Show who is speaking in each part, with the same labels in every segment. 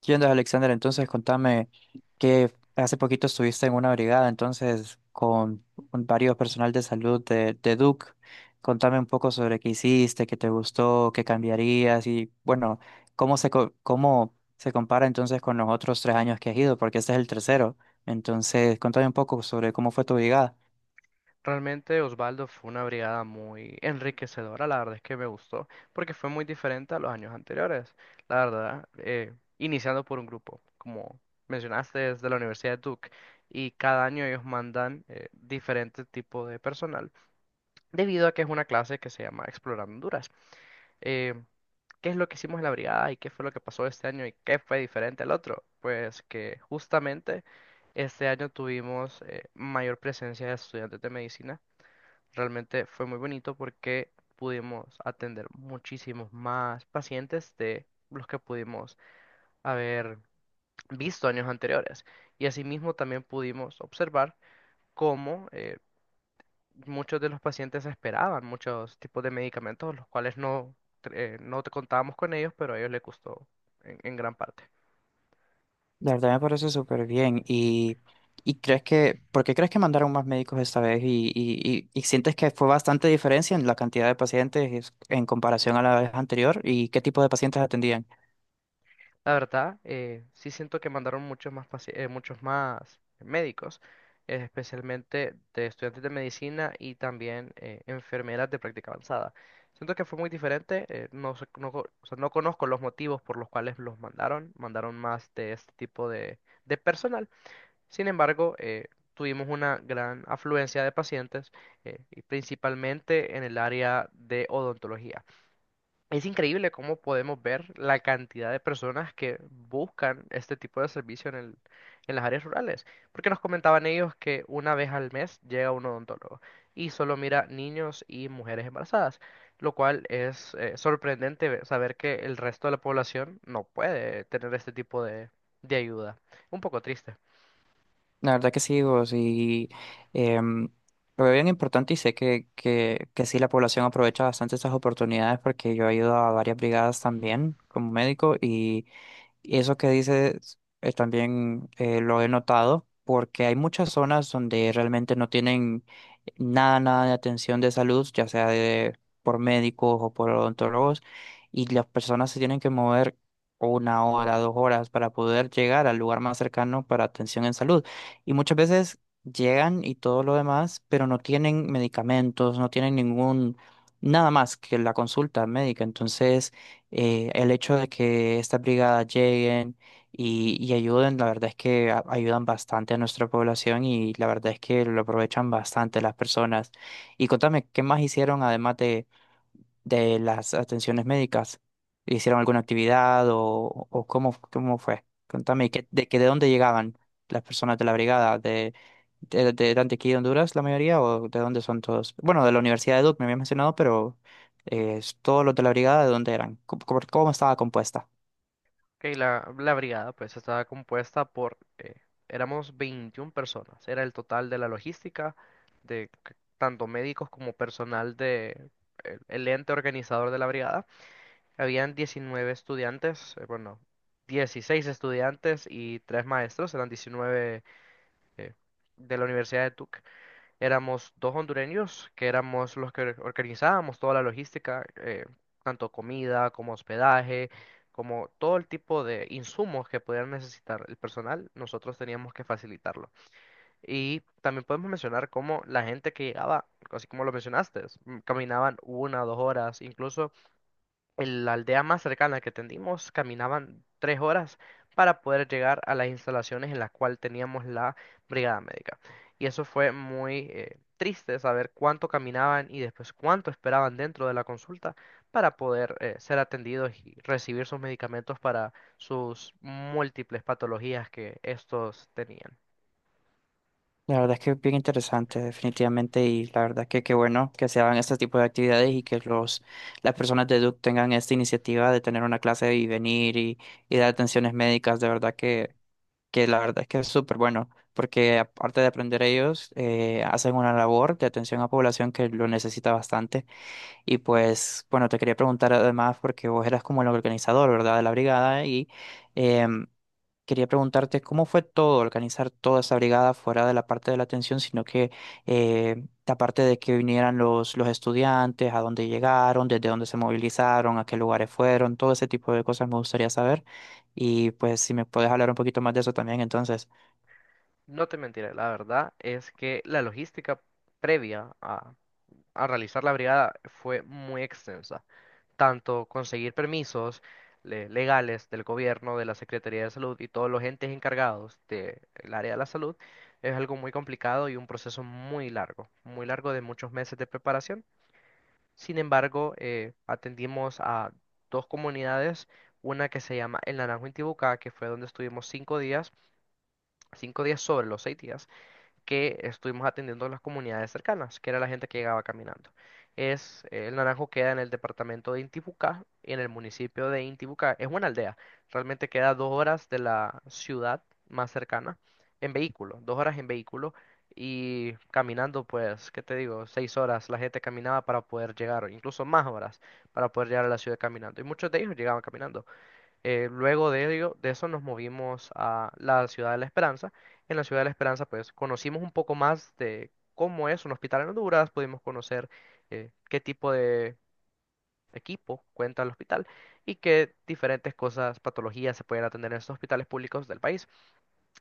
Speaker 1: ¿Qué onda, Alexander? Entonces, contame que hace poquito estuviste en una brigada, entonces, con varios personal de salud de Duke. Contame un poco sobre qué hiciste, qué te gustó, qué cambiarías y, bueno, cómo se compara entonces con los otros tres años que has ido, porque este es el tercero. Entonces, contame un poco sobre cómo fue tu brigada.
Speaker 2: Realmente, Osvaldo, fue una brigada muy enriquecedora. La verdad es que me gustó, porque fue muy diferente a los años anteriores, la verdad. Iniciando por un grupo, como mencionaste, es de la Universidad de Duke, y cada año ellos mandan diferente tipo de personal, debido a que es una clase que se llama Explorando Honduras. Eh, ¿Qué es lo que hicimos en la brigada y qué fue lo que pasó este año y qué fue diferente al otro? Pues que justamente este año tuvimos mayor presencia de estudiantes de medicina. Realmente fue muy bonito porque pudimos atender muchísimos más pacientes de los que pudimos haber visto años anteriores. Y asimismo también pudimos observar cómo, muchos de los pacientes esperaban muchos tipos de medicamentos, los cuales no, no contábamos con ellos, pero a ellos les gustó en gran parte.
Speaker 1: De verdad me parece súper bien. Y crees que, ¿por qué crees que mandaron más médicos esta vez? Y sientes que fue bastante diferencia en la cantidad de en comparación a la vez anterior y qué tipo de pacientes atendían.
Speaker 2: La verdad, sí siento que mandaron muchos más, muchos más médicos, especialmente de estudiantes de medicina, y también enfermeras de práctica avanzada. Siento que fue muy diferente. O sea, no conozco los motivos por los cuales los mandaron, mandaron más de este tipo de personal. Sin embargo, tuvimos una gran afluencia de pacientes, y principalmente en el área de odontología. Es increíble cómo podemos ver la cantidad de personas que buscan este tipo de servicio en las áreas rurales. Porque nos comentaban ellos que una vez al mes llega un odontólogo y solo mira niños y mujeres embarazadas, lo cual es, sorprendente saber que el resto de la población no puede tener este tipo de ayuda. Un poco triste.
Speaker 1: La verdad que sí, vos, y em, lo veo bien importante y sé que sí la población aprovecha bastante estas oportunidades porque yo he ido a varias brigadas también como médico. Y eso que dices también lo he notado porque hay muchas zonas donde realmente no tienen nada, nada de atención de salud, ya sea por médicos o por odontólogos, y las personas se tienen que mover una hora, dos horas para poder llegar al lugar más cercano para atención en salud. Y muchas veces llegan y todo lo demás, pero no tienen medicamentos, no tienen ningún, nada más que la consulta médica. Entonces el hecho de que estas brigadas lleguen y ayuden, la verdad es que ayudan bastante a nuestra población y la verdad es que lo aprovechan bastante las personas. Y contame, ¿qué más hicieron además de las atenciones médicas? ¿Hicieron alguna actividad o cómo, cómo fue? Contame, que de dónde llegaban las personas de la brigada? ¿De Antioquía, Honduras, la mayoría? ¿O de dónde son todos? Bueno, de la Universidad de Duke me había mencionado, pero todos los de la brigada, ¿de dónde eran? ¿Cómo estaba compuesta?
Speaker 2: Ok, la brigada pues estaba compuesta por, éramos 21 personas, era el total de la logística, tanto médicos como personal de el ente organizador de la brigada. Habían 19 estudiantes, bueno, 16 estudiantes y 3 maestros, eran 19, eh, de la Universidad de Tuc. Éramos dos hondureños que éramos los que organizábamos toda la logística, tanto comida como hospedaje, como todo el tipo de insumos que pudieran necesitar el personal, nosotros teníamos que facilitarlo. Y también podemos mencionar cómo la gente que llegaba, así como lo mencionaste, caminaban una o dos horas, incluso en la aldea más cercana que atendimos caminaban tres horas para poder llegar a las instalaciones en las cuales teníamos la brigada médica. Y eso fue muy, triste saber cuánto caminaban y después cuánto esperaban dentro de la consulta para poder, ser atendidos y recibir sus medicamentos para sus múltiples patologías que estos tenían.
Speaker 1: La verdad es que es bien interesante, definitivamente, y la verdad que qué bueno que se hagan este tipo de actividades y que las personas de Duke tengan esta iniciativa de tener una clase y venir y dar atenciones médicas, de verdad que la verdad es que es súper bueno, porque aparte de aprender ellos, hacen una labor de atención a población que lo necesita bastante. Y pues, bueno, te quería preguntar además, porque vos eras como el organizador, ¿verdad?, de la brigada y... em, quería preguntarte cómo fue todo, organizar toda esa brigada fuera de la parte de la atención, sino que la parte de que vinieran los estudiantes, a dónde llegaron, desde dónde se movilizaron, a qué lugares fueron, todo ese tipo de cosas me gustaría saber. Y pues si me puedes hablar un poquito más de eso también, entonces.
Speaker 2: No te mentiré, la verdad es que la logística previa a realizar la brigada fue muy extensa. Tanto conseguir permisos legales del gobierno, de la Secretaría de Salud y todos los entes encargados del área de la salud, es algo muy complicado y un proceso muy largo, muy largo, de muchos meses de preparación. Sin embargo, atendimos a dos comunidades, una que se llama El Naranjo Intibucá, que fue donde estuvimos cinco días sobre los seis días, que estuvimos atendiendo a las comunidades cercanas, que era la gente que llegaba caminando. Es, el Naranjo queda en el departamento de Intibucá, en el municipio de Intibucá. Es una aldea, realmente queda dos horas de la ciudad más cercana en vehículo, dos horas en vehículo, y caminando, pues, ¿qué te digo? Seis horas la gente caminaba para poder llegar, o incluso más horas para poder llegar a la ciudad caminando. Y muchos de ellos llegaban caminando. Luego de eso nos movimos a la Ciudad de la Esperanza. En la Ciudad de la Esperanza pues conocimos un poco más de cómo es un hospital en Honduras, pudimos conocer qué tipo de equipo cuenta el hospital y qué diferentes cosas, patologías se pueden atender en estos hospitales públicos del país.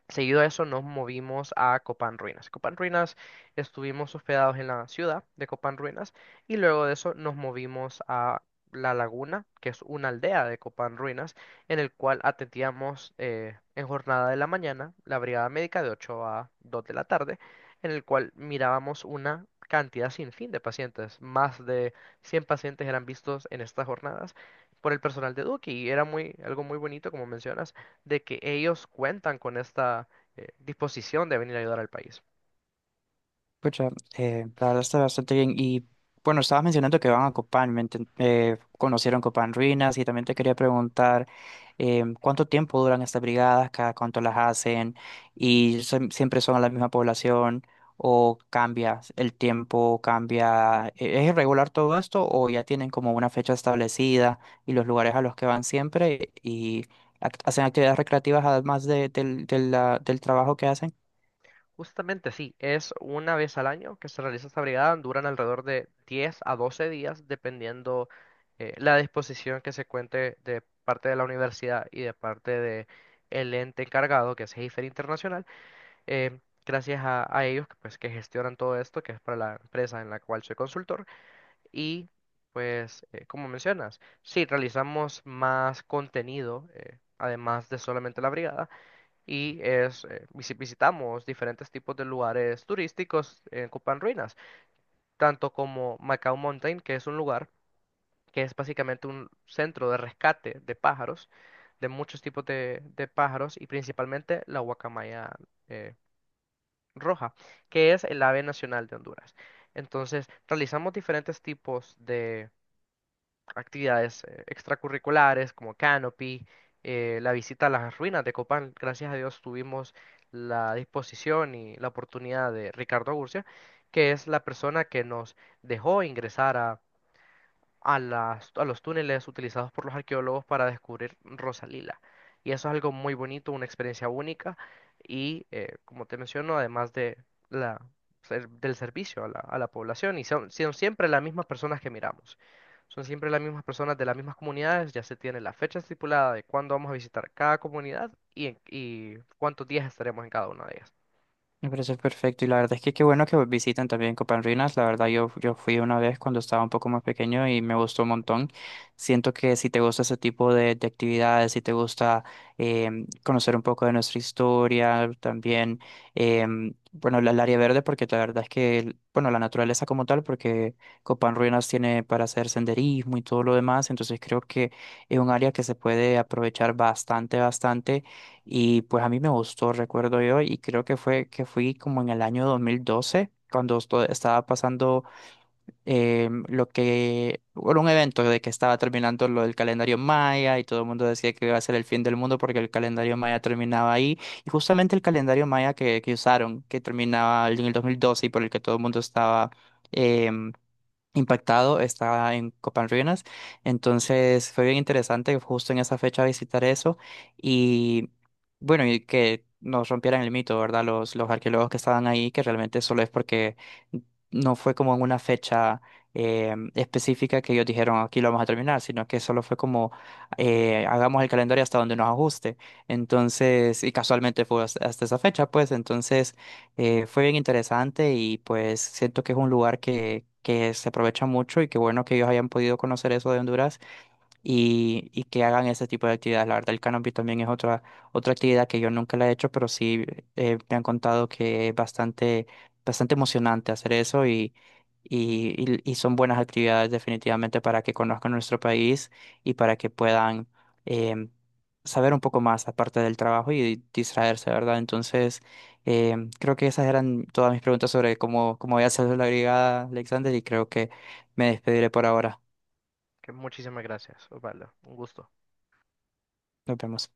Speaker 2: Seguido a eso nos movimos a Copán Ruinas. Copán Ruinas, estuvimos hospedados en la ciudad de Copán Ruinas, y luego de eso nos movimos a La Laguna, que es una aldea de Copán Ruinas, en el cual atendíamos, en jornada de la mañana la brigada médica de 8 a 2 de la tarde, en el cual mirábamos una cantidad sin fin de pacientes. Más de 100 pacientes eran vistos en estas jornadas por el personal de Duque, y era muy, algo muy bonito, como mencionas, de que ellos cuentan con esta, disposición de venir a ayudar al país.
Speaker 1: Pucha, la verdad está bastante bien. Y bueno, estabas mencionando que van a Copán, conocieron Copán Ruinas y también te quería preguntar cuánto tiempo duran estas brigadas, cada cuánto las hacen y siempre son a la misma población o cambia el tiempo, cambia. ¿Es irregular todo esto o ya tienen como una fecha establecida y los lugares a los que van siempre y hacen actividades recreativas de del trabajo que hacen?
Speaker 2: Justamente sí, es una vez al año que se realiza esta brigada, duran alrededor de 10 a 12 días, dependiendo la disposición que se cuente de parte de la universidad y de parte de el ente encargado, que es Heifer Internacional. eh, Gracias a ellos, que, pues, que gestionan todo esto, que es para la empresa en la cual soy consultor. Y pues, como mencionas, sí, realizamos más contenido, además de solamente la brigada, y es, visitamos diferentes tipos de lugares turísticos en Copán Ruinas, tanto como Macau Mountain, que es un lugar que es básicamente un centro de rescate de pájaros, de muchos tipos de pájaros, y principalmente la guacamaya eh, roja, que es el ave nacional de Honduras. Entonces, realizamos diferentes tipos actividades extracurriculares como canopy, la visita a las ruinas de Copán. Gracias a Dios tuvimos la disposición y la oportunidad de Ricardo Urcia, que es la persona que nos dejó ingresar a los túneles utilizados por los arqueólogos para descubrir Rosalila. Y eso es algo muy bonito, una experiencia única. Y, como te menciono, además de la, del servicio a la población, y son, son siempre las mismas personas que miramos. Son siempre las mismas personas de las mismas comunidades, ya se tiene la fecha estipulada de cuándo vamos a visitar cada comunidad y cuántos días estaremos en cada una de ellas.
Speaker 1: Me parece perfecto y la verdad es que qué bueno que visiten también Copan Ruinas. La verdad yo fui una vez cuando estaba un poco más pequeño y me gustó un montón. Siento que si te gusta ese tipo de actividades, si te gusta conocer un poco de nuestra historia, también, bueno, el área verde, porque la verdad es que, bueno, la naturaleza como tal, porque Copan Ruinas tiene para hacer senderismo y todo lo demás, entonces creo que es un área que se puede aprovechar bastante, bastante y pues a mí me gustó, recuerdo yo, y creo que fue que fui como en el año 2012, cuando estaba pasando lo que, bueno, un evento de que estaba terminando lo del calendario maya y todo el mundo decía que iba a ser el fin del mundo porque el calendario maya terminaba ahí. Y justamente el calendario maya que usaron, que terminaba en el 2012 y por el que todo el mundo estaba... em, impactado, está en Copan Ruinas. Entonces fue bien interesante justo en esa fecha visitar eso y bueno, y que nos rompieran el mito, ¿verdad? Los arqueólogos que estaban ahí, que realmente solo es porque no fue como en una fecha específica que ellos dijeron aquí lo vamos a terminar, sino que solo fue como hagamos el calendario hasta donde nos ajuste. Entonces, y casualmente fue hasta esa fecha, pues entonces... fue bien interesante y pues siento que es un lugar que se aprovecha mucho y qué bueno que ellos hayan podido conocer eso de Honduras y que hagan ese tipo de actividades. La verdad, el canopy también es otra, otra actividad que yo nunca la he hecho, pero sí me han contado que es bastante, bastante emocionante hacer eso y son buenas actividades definitivamente para que conozcan nuestro país y para que puedan em, saber un poco más aparte del trabajo y distraerse, ¿verdad? Entonces, creo que esas eran todas mis preguntas sobre cómo voy a hacer la brigada, Alexander, y creo que me despediré por ahora.
Speaker 2: Que muchísimas gracias, Osvaldo. Un gusto.
Speaker 1: Nos vemos.